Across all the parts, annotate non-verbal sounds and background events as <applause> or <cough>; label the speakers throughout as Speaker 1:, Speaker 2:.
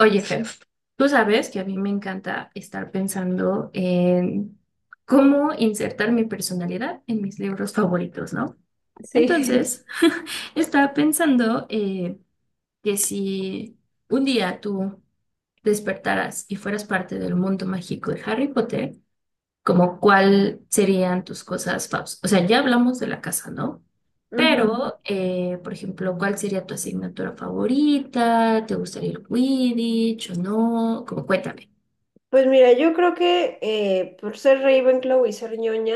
Speaker 1: Oye, Fer, tú sabes que a mí me encanta estar pensando en cómo insertar mi personalidad en mis libros favoritos, ¿no?
Speaker 2: Sí.
Speaker 1: Entonces, <laughs> estaba pensando que si un día tú despertaras y fueras parte del mundo mágico de Harry Potter, como cuál serían tus cosas favoritas. O sea, ya hablamos de la casa, ¿no?
Speaker 2: <laughs> Ujú.
Speaker 1: Pero, por ejemplo, ¿cuál sería tu asignatura favorita? ¿Te gustaría el Quidditch o no? Como cuéntame.
Speaker 2: Pues mira, yo creo que por ser Ravenclaw y ser ñoña,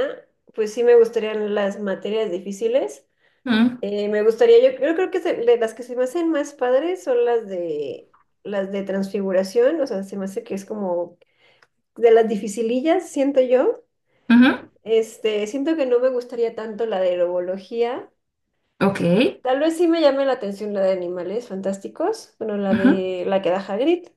Speaker 2: pues sí me gustarían las materias difíciles.
Speaker 1: Mm,
Speaker 2: Me gustaría, yo creo que de las que se me hacen más padres son las de transfiguración, o sea, se me hace que es como de las dificilillas, siento yo.
Speaker 1: ujú,
Speaker 2: Este, siento que no me gustaría tanto la de herbología.
Speaker 1: ok.
Speaker 2: Tal vez sí me llame la atención la de animales fantásticos, bueno, la
Speaker 1: Ujú,
Speaker 2: de la que da Hagrid.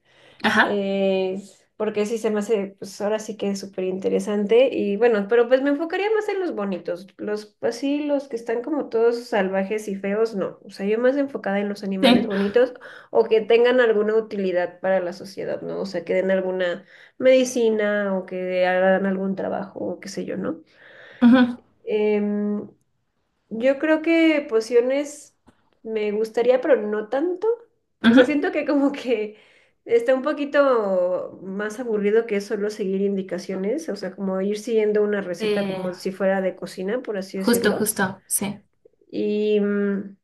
Speaker 1: ajá.
Speaker 2: eh, Porque sí se me hace, pues ahora sí que es súper interesante y bueno, pero pues me enfocaría más en los bonitos, los así, los que están como todos salvajes y feos, no, o sea, yo más enfocada en los animales
Speaker 1: Sí.
Speaker 2: bonitos o que tengan alguna utilidad para la sociedad, ¿no? O sea, que den alguna medicina o que hagan algún trabajo o qué sé yo, ¿no?
Speaker 1: Ujú,
Speaker 2: Em, yo creo que pociones me gustaría, pero no tanto. O
Speaker 1: ujú.
Speaker 2: sea, siento que como que está un poquito más aburrido que solo seguir indicaciones, o sea, como ir siguiendo una receta
Speaker 1: Eh,
Speaker 2: como si fuera de cocina, por así
Speaker 1: justo,
Speaker 2: decirlo.
Speaker 1: justo, sí.
Speaker 2: Y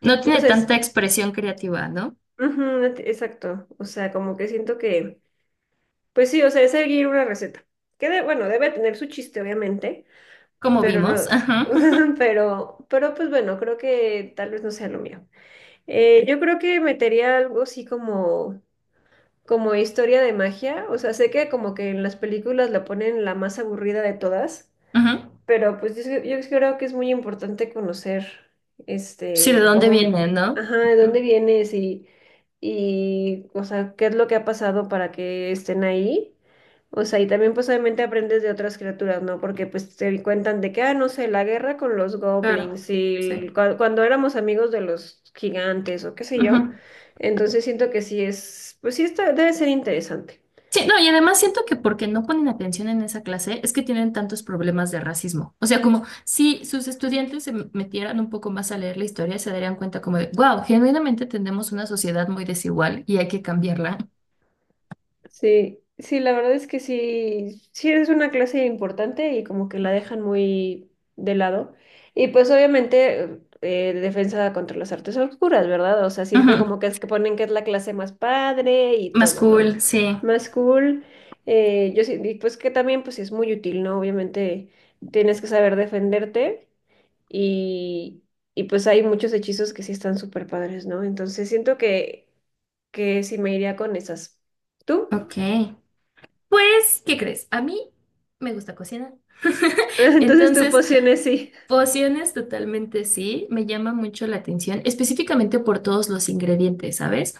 Speaker 1: No
Speaker 2: no
Speaker 1: tiene
Speaker 2: sé,
Speaker 1: tanta expresión creativa, ¿no?
Speaker 2: ujú, exacto. O sea, como que siento que, pues sí, o sea, es seguir una receta. Que bueno, debe tener su chiste, obviamente,
Speaker 1: Como
Speaker 2: pero
Speaker 1: vimos.
Speaker 2: no,
Speaker 1: Ajá.
Speaker 2: <laughs> pero pues bueno, creo que tal vez no sea lo mío. Yo creo que metería algo así como, como historia de magia. O sea, sé que como que en las películas la ponen la más aburrida de todas,
Speaker 1: Ujú.
Speaker 2: pero pues yo creo que es muy importante conocer,
Speaker 1: Sí, ¿de
Speaker 2: este,
Speaker 1: dónde
Speaker 2: cómo,
Speaker 1: viene, no?
Speaker 2: ajá, de dónde
Speaker 1: Ujú,
Speaker 2: vienes y, o sea, qué es lo que ha pasado para que estén ahí. O sea, y también pues obviamente aprendes de otras criaturas, ¿no? Porque pues te cuentan de que, ah, no sé, la guerra con los
Speaker 1: claro.
Speaker 2: goblins y
Speaker 1: Sí.
Speaker 2: cuando éramos amigos de los gigantes o qué sé yo.
Speaker 1: Ujú.
Speaker 2: Entonces siento que sí es, pues sí está, debe ser interesante.
Speaker 1: Sí, no, y además siento que porque no ponen atención en esa clase es que tienen tantos problemas de racismo. O sea, como si sus estudiantes se metieran un poco más a leer la historia, se darían cuenta como de, wow, genuinamente tenemos una sociedad muy desigual y hay que cambiarla.
Speaker 2: Sí, sí, la verdad es que sí, sí es una clase importante y como que la dejan muy de lado. Y pues obviamente defensa contra las artes oscuras, ¿verdad? O sea, siempre
Speaker 1: Ujú,
Speaker 2: como que, es que ponen que es la clase más padre y
Speaker 1: más
Speaker 2: todo, ¿no?
Speaker 1: cool, sí.
Speaker 2: Más cool. Yo sí, y pues que también pues es muy útil, ¿no? Obviamente tienes que saber defenderte y, y pues hay muchos hechizos que sí están súper padres, ¿no? Entonces siento que sí me iría con esas. ¿Tú?
Speaker 1: Ok. Pues, ¿qué crees? A mí me gusta cocinar. <laughs>
Speaker 2: <laughs> Entonces tu
Speaker 1: Entonces,
Speaker 2: poción es sí.
Speaker 1: pociones totalmente sí, me llama mucho la atención, específicamente por todos los ingredientes, ¿sabes?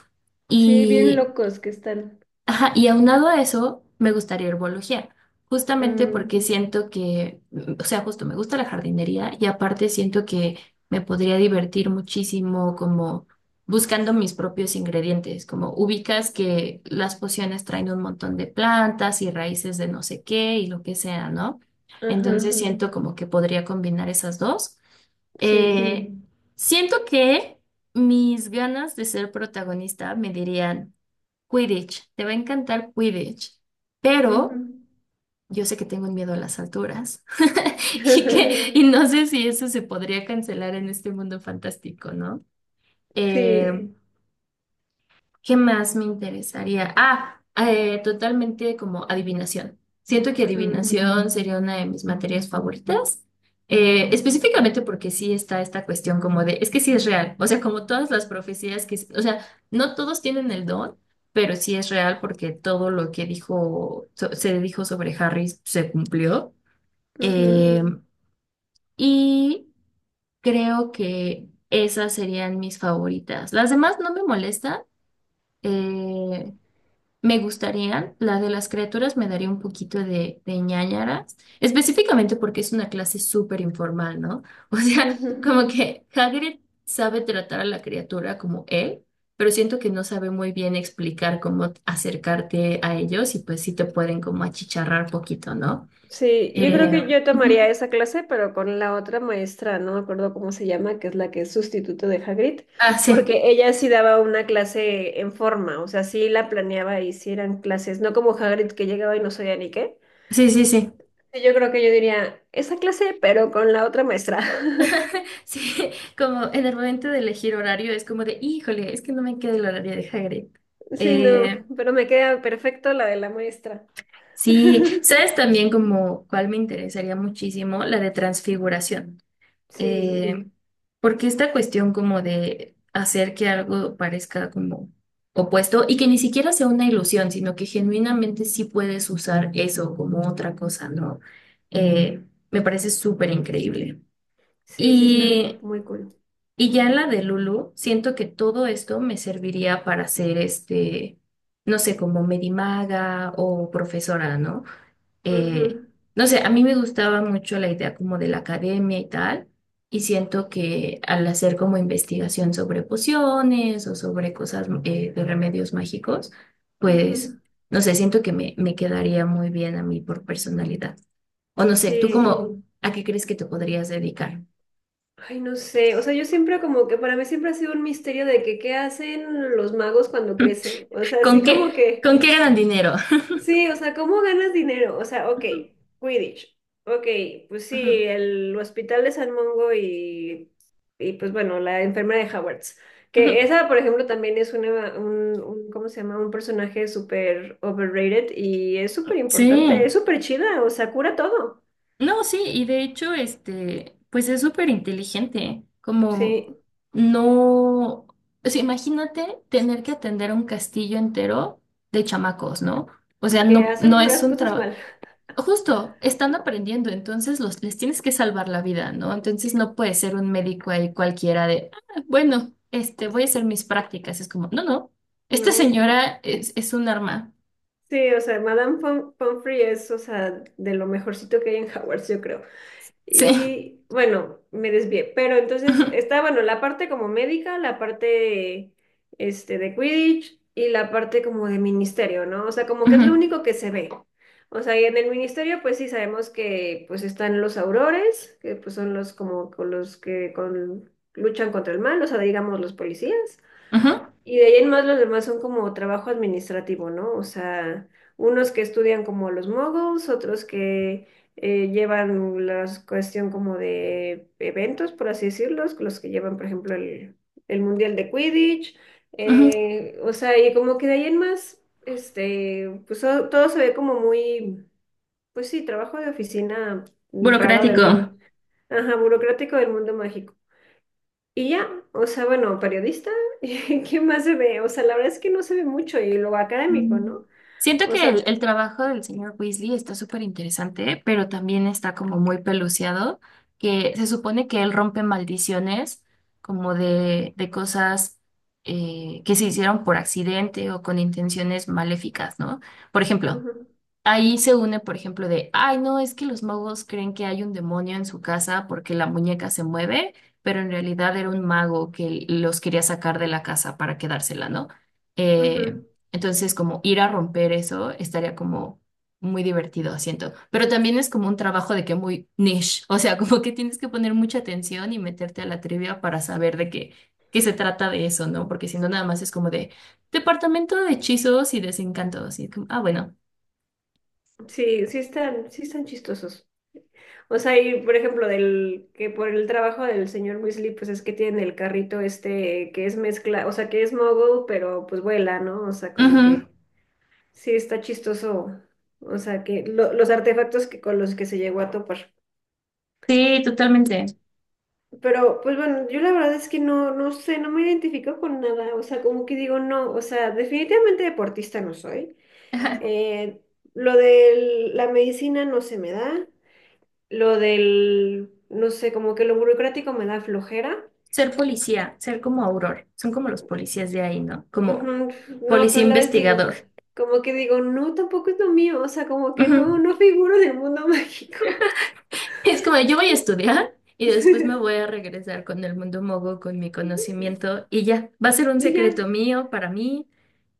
Speaker 2: Sí, bien
Speaker 1: Y
Speaker 2: locos que están.
Speaker 1: ajá, y aunado a eso, me gustaría herbología, justamente porque
Speaker 2: Mm,
Speaker 1: siento que, mm, o sea, justo me gusta la jardinería y aparte siento que me podría divertir muchísimo como buscando mis propios ingredientes, como ubicas que las pociones traen un montón de plantas y raíces de no sé qué y lo que sea, ¿no? Entonces
Speaker 2: ajá,
Speaker 1: siento como que podría combinar esas dos.
Speaker 2: sí.
Speaker 1: Eh, siento que mis ganas de ser protagonista me dirían… Quidditch, te va a encantar Quidditch, pero
Speaker 2: Ujú,
Speaker 1: yo sé que tengo miedo a las alturas <laughs> y
Speaker 2: <laughs>
Speaker 1: que y no sé si eso se podría cancelar en este mundo fantástico, ¿no?
Speaker 2: sí.
Speaker 1: Eh, ¿Qué más me interesaría? Ah, totalmente como adivinación. Siento que
Speaker 2: Mm,
Speaker 1: adivinación sería una de mis materias favoritas, específicamente porque sí está esta cuestión como de, es que sí es real, o sea, como todas las profecías que, o sea, no todos tienen el don, pero sí es real porque todo lo que dijo, se dijo sobre Harry se cumplió.
Speaker 2: ujú,
Speaker 1: Eh, y creo que esas serían mis favoritas. Las demás no me molestan. eh, me gustarían, la de las criaturas me daría un poquito de ñáñaras, específicamente porque es una clase súper informal, ¿no? <laughs> O sea,
Speaker 2: ujú.
Speaker 1: como que Hagrid sabe tratar a la criatura como él, pero siento que no sabe muy bien explicar cómo acercarte a ellos y pues sí te pueden como achicharrar poquito, ¿no?
Speaker 2: Sí, yo creo
Speaker 1: Eh,
Speaker 2: que yo tomaría
Speaker 1: ujú.
Speaker 2: esa clase, pero con la otra maestra, no me acuerdo cómo se llama, que es la que es sustituto de Hagrid,
Speaker 1: Ah, sí.
Speaker 2: porque ella sí daba una clase en forma, o sea, sí la planeaba y sí eran clases, no como Hagrid que llegaba y no sabía ni qué.
Speaker 1: Sí, sí, sí.
Speaker 2: Sí, yo creo que yo diría esa clase, pero con la otra maestra. <laughs>
Speaker 1: Sí, <laughs> como en el momento de elegir horario es como de, híjole, es que no me queda el horario de Hagrid.
Speaker 2: Sí,
Speaker 1: Eh,
Speaker 2: no, pero me queda perfecto la de la maestra.
Speaker 1: Sí,
Speaker 2: <laughs>
Speaker 1: ¿sabes también como cuál me interesaría muchísimo? La de transfiguración.
Speaker 2: Sí,
Speaker 1: Eh, porque esta cuestión como de hacer que algo parezca como opuesto y que ni siquiera sea una ilusión, sino que genuinamente sí puedes usar eso como otra cosa, ¿no? Eh, me parece súper increíble.
Speaker 2: sí, sí, está
Speaker 1: Y,
Speaker 2: muy cool.
Speaker 1: y ya en la de Lulu, siento que todo esto me serviría para ser este, no sé, como medimaga o profesora, ¿no?
Speaker 2: Ujú,
Speaker 1: Eh, no sé, a mí me gustaba mucho la idea como de la academia y tal, y siento que al hacer como investigación sobre pociones o sobre cosas de remedios mágicos,
Speaker 2: ujú.
Speaker 1: pues, no sé, siento que me quedaría muy bien a mí por personalidad. O no sé, ¿tú
Speaker 2: Sí,
Speaker 1: como a qué crees que te podrías dedicar?
Speaker 2: ay, no sé, o sea, yo siempre como que para mí siempre ha sido un misterio de que qué hacen los magos cuando crecen, o
Speaker 1: <laughs>
Speaker 2: sea, así
Speaker 1: ¿Con qué,
Speaker 2: como que...
Speaker 1: ¿con qué ganan dinero?
Speaker 2: Sí, o sea, ¿cómo ganas dinero? O sea,
Speaker 1: <laughs>
Speaker 2: ok,
Speaker 1: Ujú,
Speaker 2: Quidditch. Ok, pues sí,
Speaker 1: ujú,
Speaker 2: el hospital de San Mongo y pues bueno, la enfermera de Hogwarts. Que
Speaker 1: ujú.
Speaker 2: esa, por ejemplo, también es un ¿cómo se llama? Un personaje súper overrated y es súper
Speaker 1: Sí.
Speaker 2: importante, es súper chida, o sea, cura todo.
Speaker 1: No, sí, y de hecho, este, pues es súper inteligente, como
Speaker 2: Sí,
Speaker 1: no, o sea, imagínate tener que atender un castillo entero de chamacos, ¿no? O sea,
Speaker 2: que hacen
Speaker 1: no es
Speaker 2: puras
Speaker 1: un
Speaker 2: cosas
Speaker 1: trabajo,
Speaker 2: mal,
Speaker 1: justo, están aprendiendo, entonces les tienes que salvar la vida, ¿no? Entonces no puede ser un médico ahí cualquiera de, "Ah, bueno, este, voy a hacer mis prácticas, es como, no, no,
Speaker 2: <laughs>
Speaker 1: esta
Speaker 2: ¿no?
Speaker 1: señora es un arma,
Speaker 2: Sí, o sea, Madame Pom Pomfrey es, o sea, de lo mejorcito que hay en Hogwarts, yo creo.
Speaker 1: sí.
Speaker 2: Y bueno, me desvié. Pero entonces
Speaker 1: <laughs>
Speaker 2: está, bueno, la parte como médica, la parte este, de Quidditch y la parte como de ministerio, ¿no? O sea, como que es
Speaker 1: Ujú,
Speaker 2: lo único que se ve. O sea, y en el ministerio, pues sí sabemos que pues están los aurores, que pues son los como con los que luchan contra el mal, o sea, digamos los policías.
Speaker 1: ujú,
Speaker 2: Y de ahí en más los demás son como trabajo administrativo, ¿no? O sea, unos que estudian como los moguls, otros que llevan la cuestión como de eventos, por así decirlo, los que llevan, por ejemplo, el Mundial de Quidditch,
Speaker 1: ujú, ujú.
Speaker 2: o sea, y como que de ahí en más, este, pues todo se ve como muy, pues sí, trabajo de oficina raro del
Speaker 1: Burocrático.
Speaker 2: mundo, ajá, burocrático del mundo mágico. Y ya, o sea, bueno, periodista, <laughs> ¿qué más se ve? O sea, la verdad es que no se ve mucho y lo académico,
Speaker 1: Mm.
Speaker 2: ¿no?
Speaker 1: Siento
Speaker 2: O
Speaker 1: que
Speaker 2: sea,
Speaker 1: el trabajo del señor Weasley está súper interesante, pero también está como muy peluciado, que se supone que él rompe maldiciones como de cosas que se hicieron por accidente o con intenciones maléficas, ¿no? Por ejemplo,
Speaker 2: ujú,
Speaker 1: ahí se une, por ejemplo, de, ay, no, es que los magos creen que hay un demonio en su casa porque la muñeca se mueve, pero en realidad era un mago que los quería sacar de la casa para quedársela, ¿no? Eh,
Speaker 2: ujú.
Speaker 1: entonces, como ir a romper eso estaría como muy divertido, siento. Pero también es como un trabajo de que muy niche, o sea, <laughs> como que tienes que poner mucha atención y meterte a la trivia para saber de qué, qué se trata de eso, ¿no? Porque si no, nada más es como de departamento de hechizos y desencantos, y es como, ah, bueno.
Speaker 2: Sí, sí están chistosos. O sea, y por ejemplo, del que por el trabajo del señor Weasley, pues es que tiene el carrito este que es mezcla, o sea, que es mogul, pero pues vuela, ¿no? O sea, como
Speaker 1: Ujú.
Speaker 2: que sí está chistoso. O sea, que los artefactos que con los que se llegó a topar.
Speaker 1: Sí, totalmente.
Speaker 2: Pero, pues bueno, yo la verdad es que no, no sé, no me identifico con nada. O sea, como que digo, no, o sea, definitivamente deportista no soy.
Speaker 1: Ajá.
Speaker 2: Eh, lo de la medicina no se me da. Lo del, no sé, como que lo burocrático me da flojera.
Speaker 1: Ser policía, ser como Auror, son como los policías de ahí, ¿no? Como
Speaker 2: Ujú, no,
Speaker 1: policía
Speaker 2: pero a la vez digo,
Speaker 1: investigador.
Speaker 2: como que digo, no, tampoco es lo mío. O sea, como que
Speaker 1: Ujú. <laughs>
Speaker 2: no, no figuro del mundo mágico.
Speaker 1: Es como yo voy a estudiar y después me voy
Speaker 2: <laughs>
Speaker 1: a regresar con el mundo mogo, con mi conocimiento y ya, va a ser un
Speaker 2: Y ya.
Speaker 1: secreto mío para mí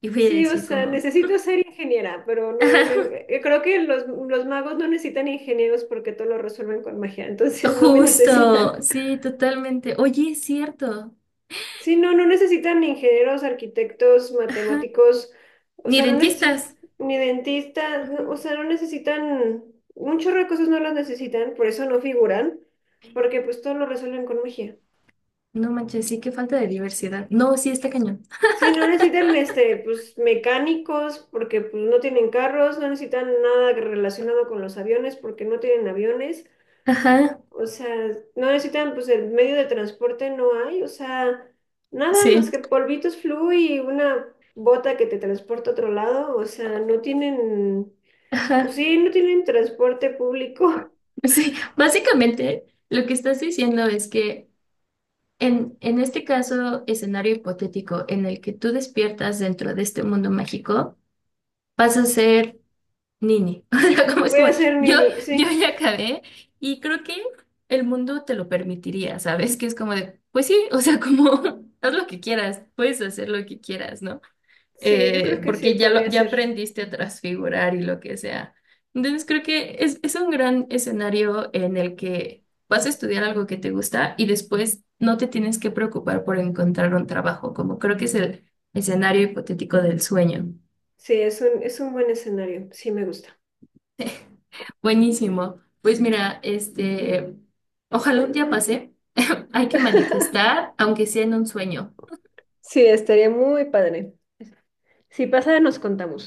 Speaker 1: y voy a
Speaker 2: Sí, o
Speaker 1: decir
Speaker 2: sea,
Speaker 1: como,
Speaker 2: necesito ser ingeniera, pero no
Speaker 1: <laughs>
Speaker 2: en
Speaker 1: ajá,
Speaker 2: el... Creo que los magos no necesitan ingenieros porque todo lo resuelven con magia, <laughs> entonces no me
Speaker 1: justo,
Speaker 2: necesitan.
Speaker 1: sí, totalmente. Oye, es cierto,
Speaker 2: Sí, no, no necesitan ingenieros, arquitectos, matemáticos, o
Speaker 1: ni
Speaker 2: sea, no necesitan
Speaker 1: dentistas.
Speaker 2: ni dentistas,
Speaker 1: Ujú.
Speaker 2: o sea, no necesitan... Un chorro de cosas no las necesitan, por eso no figuran, porque pues todo lo resuelven con magia.
Speaker 1: No manches, sí, qué falta de diversidad. No, sí, está cañón.
Speaker 2: Sí, no necesitan este, pues mecánicos porque pues no tienen carros, no necesitan nada relacionado con los aviones porque no tienen aviones,
Speaker 1: Ajá,
Speaker 2: o sea, no necesitan pues el medio de transporte no hay, o sea, nada más
Speaker 1: sí,
Speaker 2: que polvitos flu y una bota que te transporta a otro lado, o sea, no tienen, pues
Speaker 1: ajá.
Speaker 2: sí, no tienen transporte público.
Speaker 1: Sí, básicamente lo que estás diciendo es que en este caso, escenario hipotético en el que tú despiertas dentro de este mundo mágico, vas a ser Nini. <laughs> O sea, como
Speaker 2: <laughs>
Speaker 1: es
Speaker 2: Voy a
Speaker 1: como,
Speaker 2: hacer
Speaker 1: yo,
Speaker 2: nini,
Speaker 1: yo
Speaker 2: sí,
Speaker 1: ya acabé y creo que el mundo te lo permitiría, ¿sabes? Que es como de, pues sí, o sea, como <laughs> haz lo que quieras, puedes hacer lo que quieras, ¿no?
Speaker 2: sí, yo creo que sí
Speaker 1: Porque ya,
Speaker 2: podría
Speaker 1: ya
Speaker 2: ser.
Speaker 1: aprendiste a transfigurar y lo que sea. Entonces creo que es un gran escenario en el que vas a estudiar algo que te gusta y después no te tienes que preocupar por encontrar un trabajo, como creo que es el escenario hipotético del sueño.
Speaker 2: Sí, es un buen escenario, sí me gusta.
Speaker 1: <laughs> Buenísimo. Pues mira, este, ojalá un día pase. <laughs> Hay que manifestar, aunque sea en un sueño.
Speaker 2: Sí, estaría muy padre. Si pasa, nos contamos.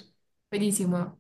Speaker 1: Buenísimo.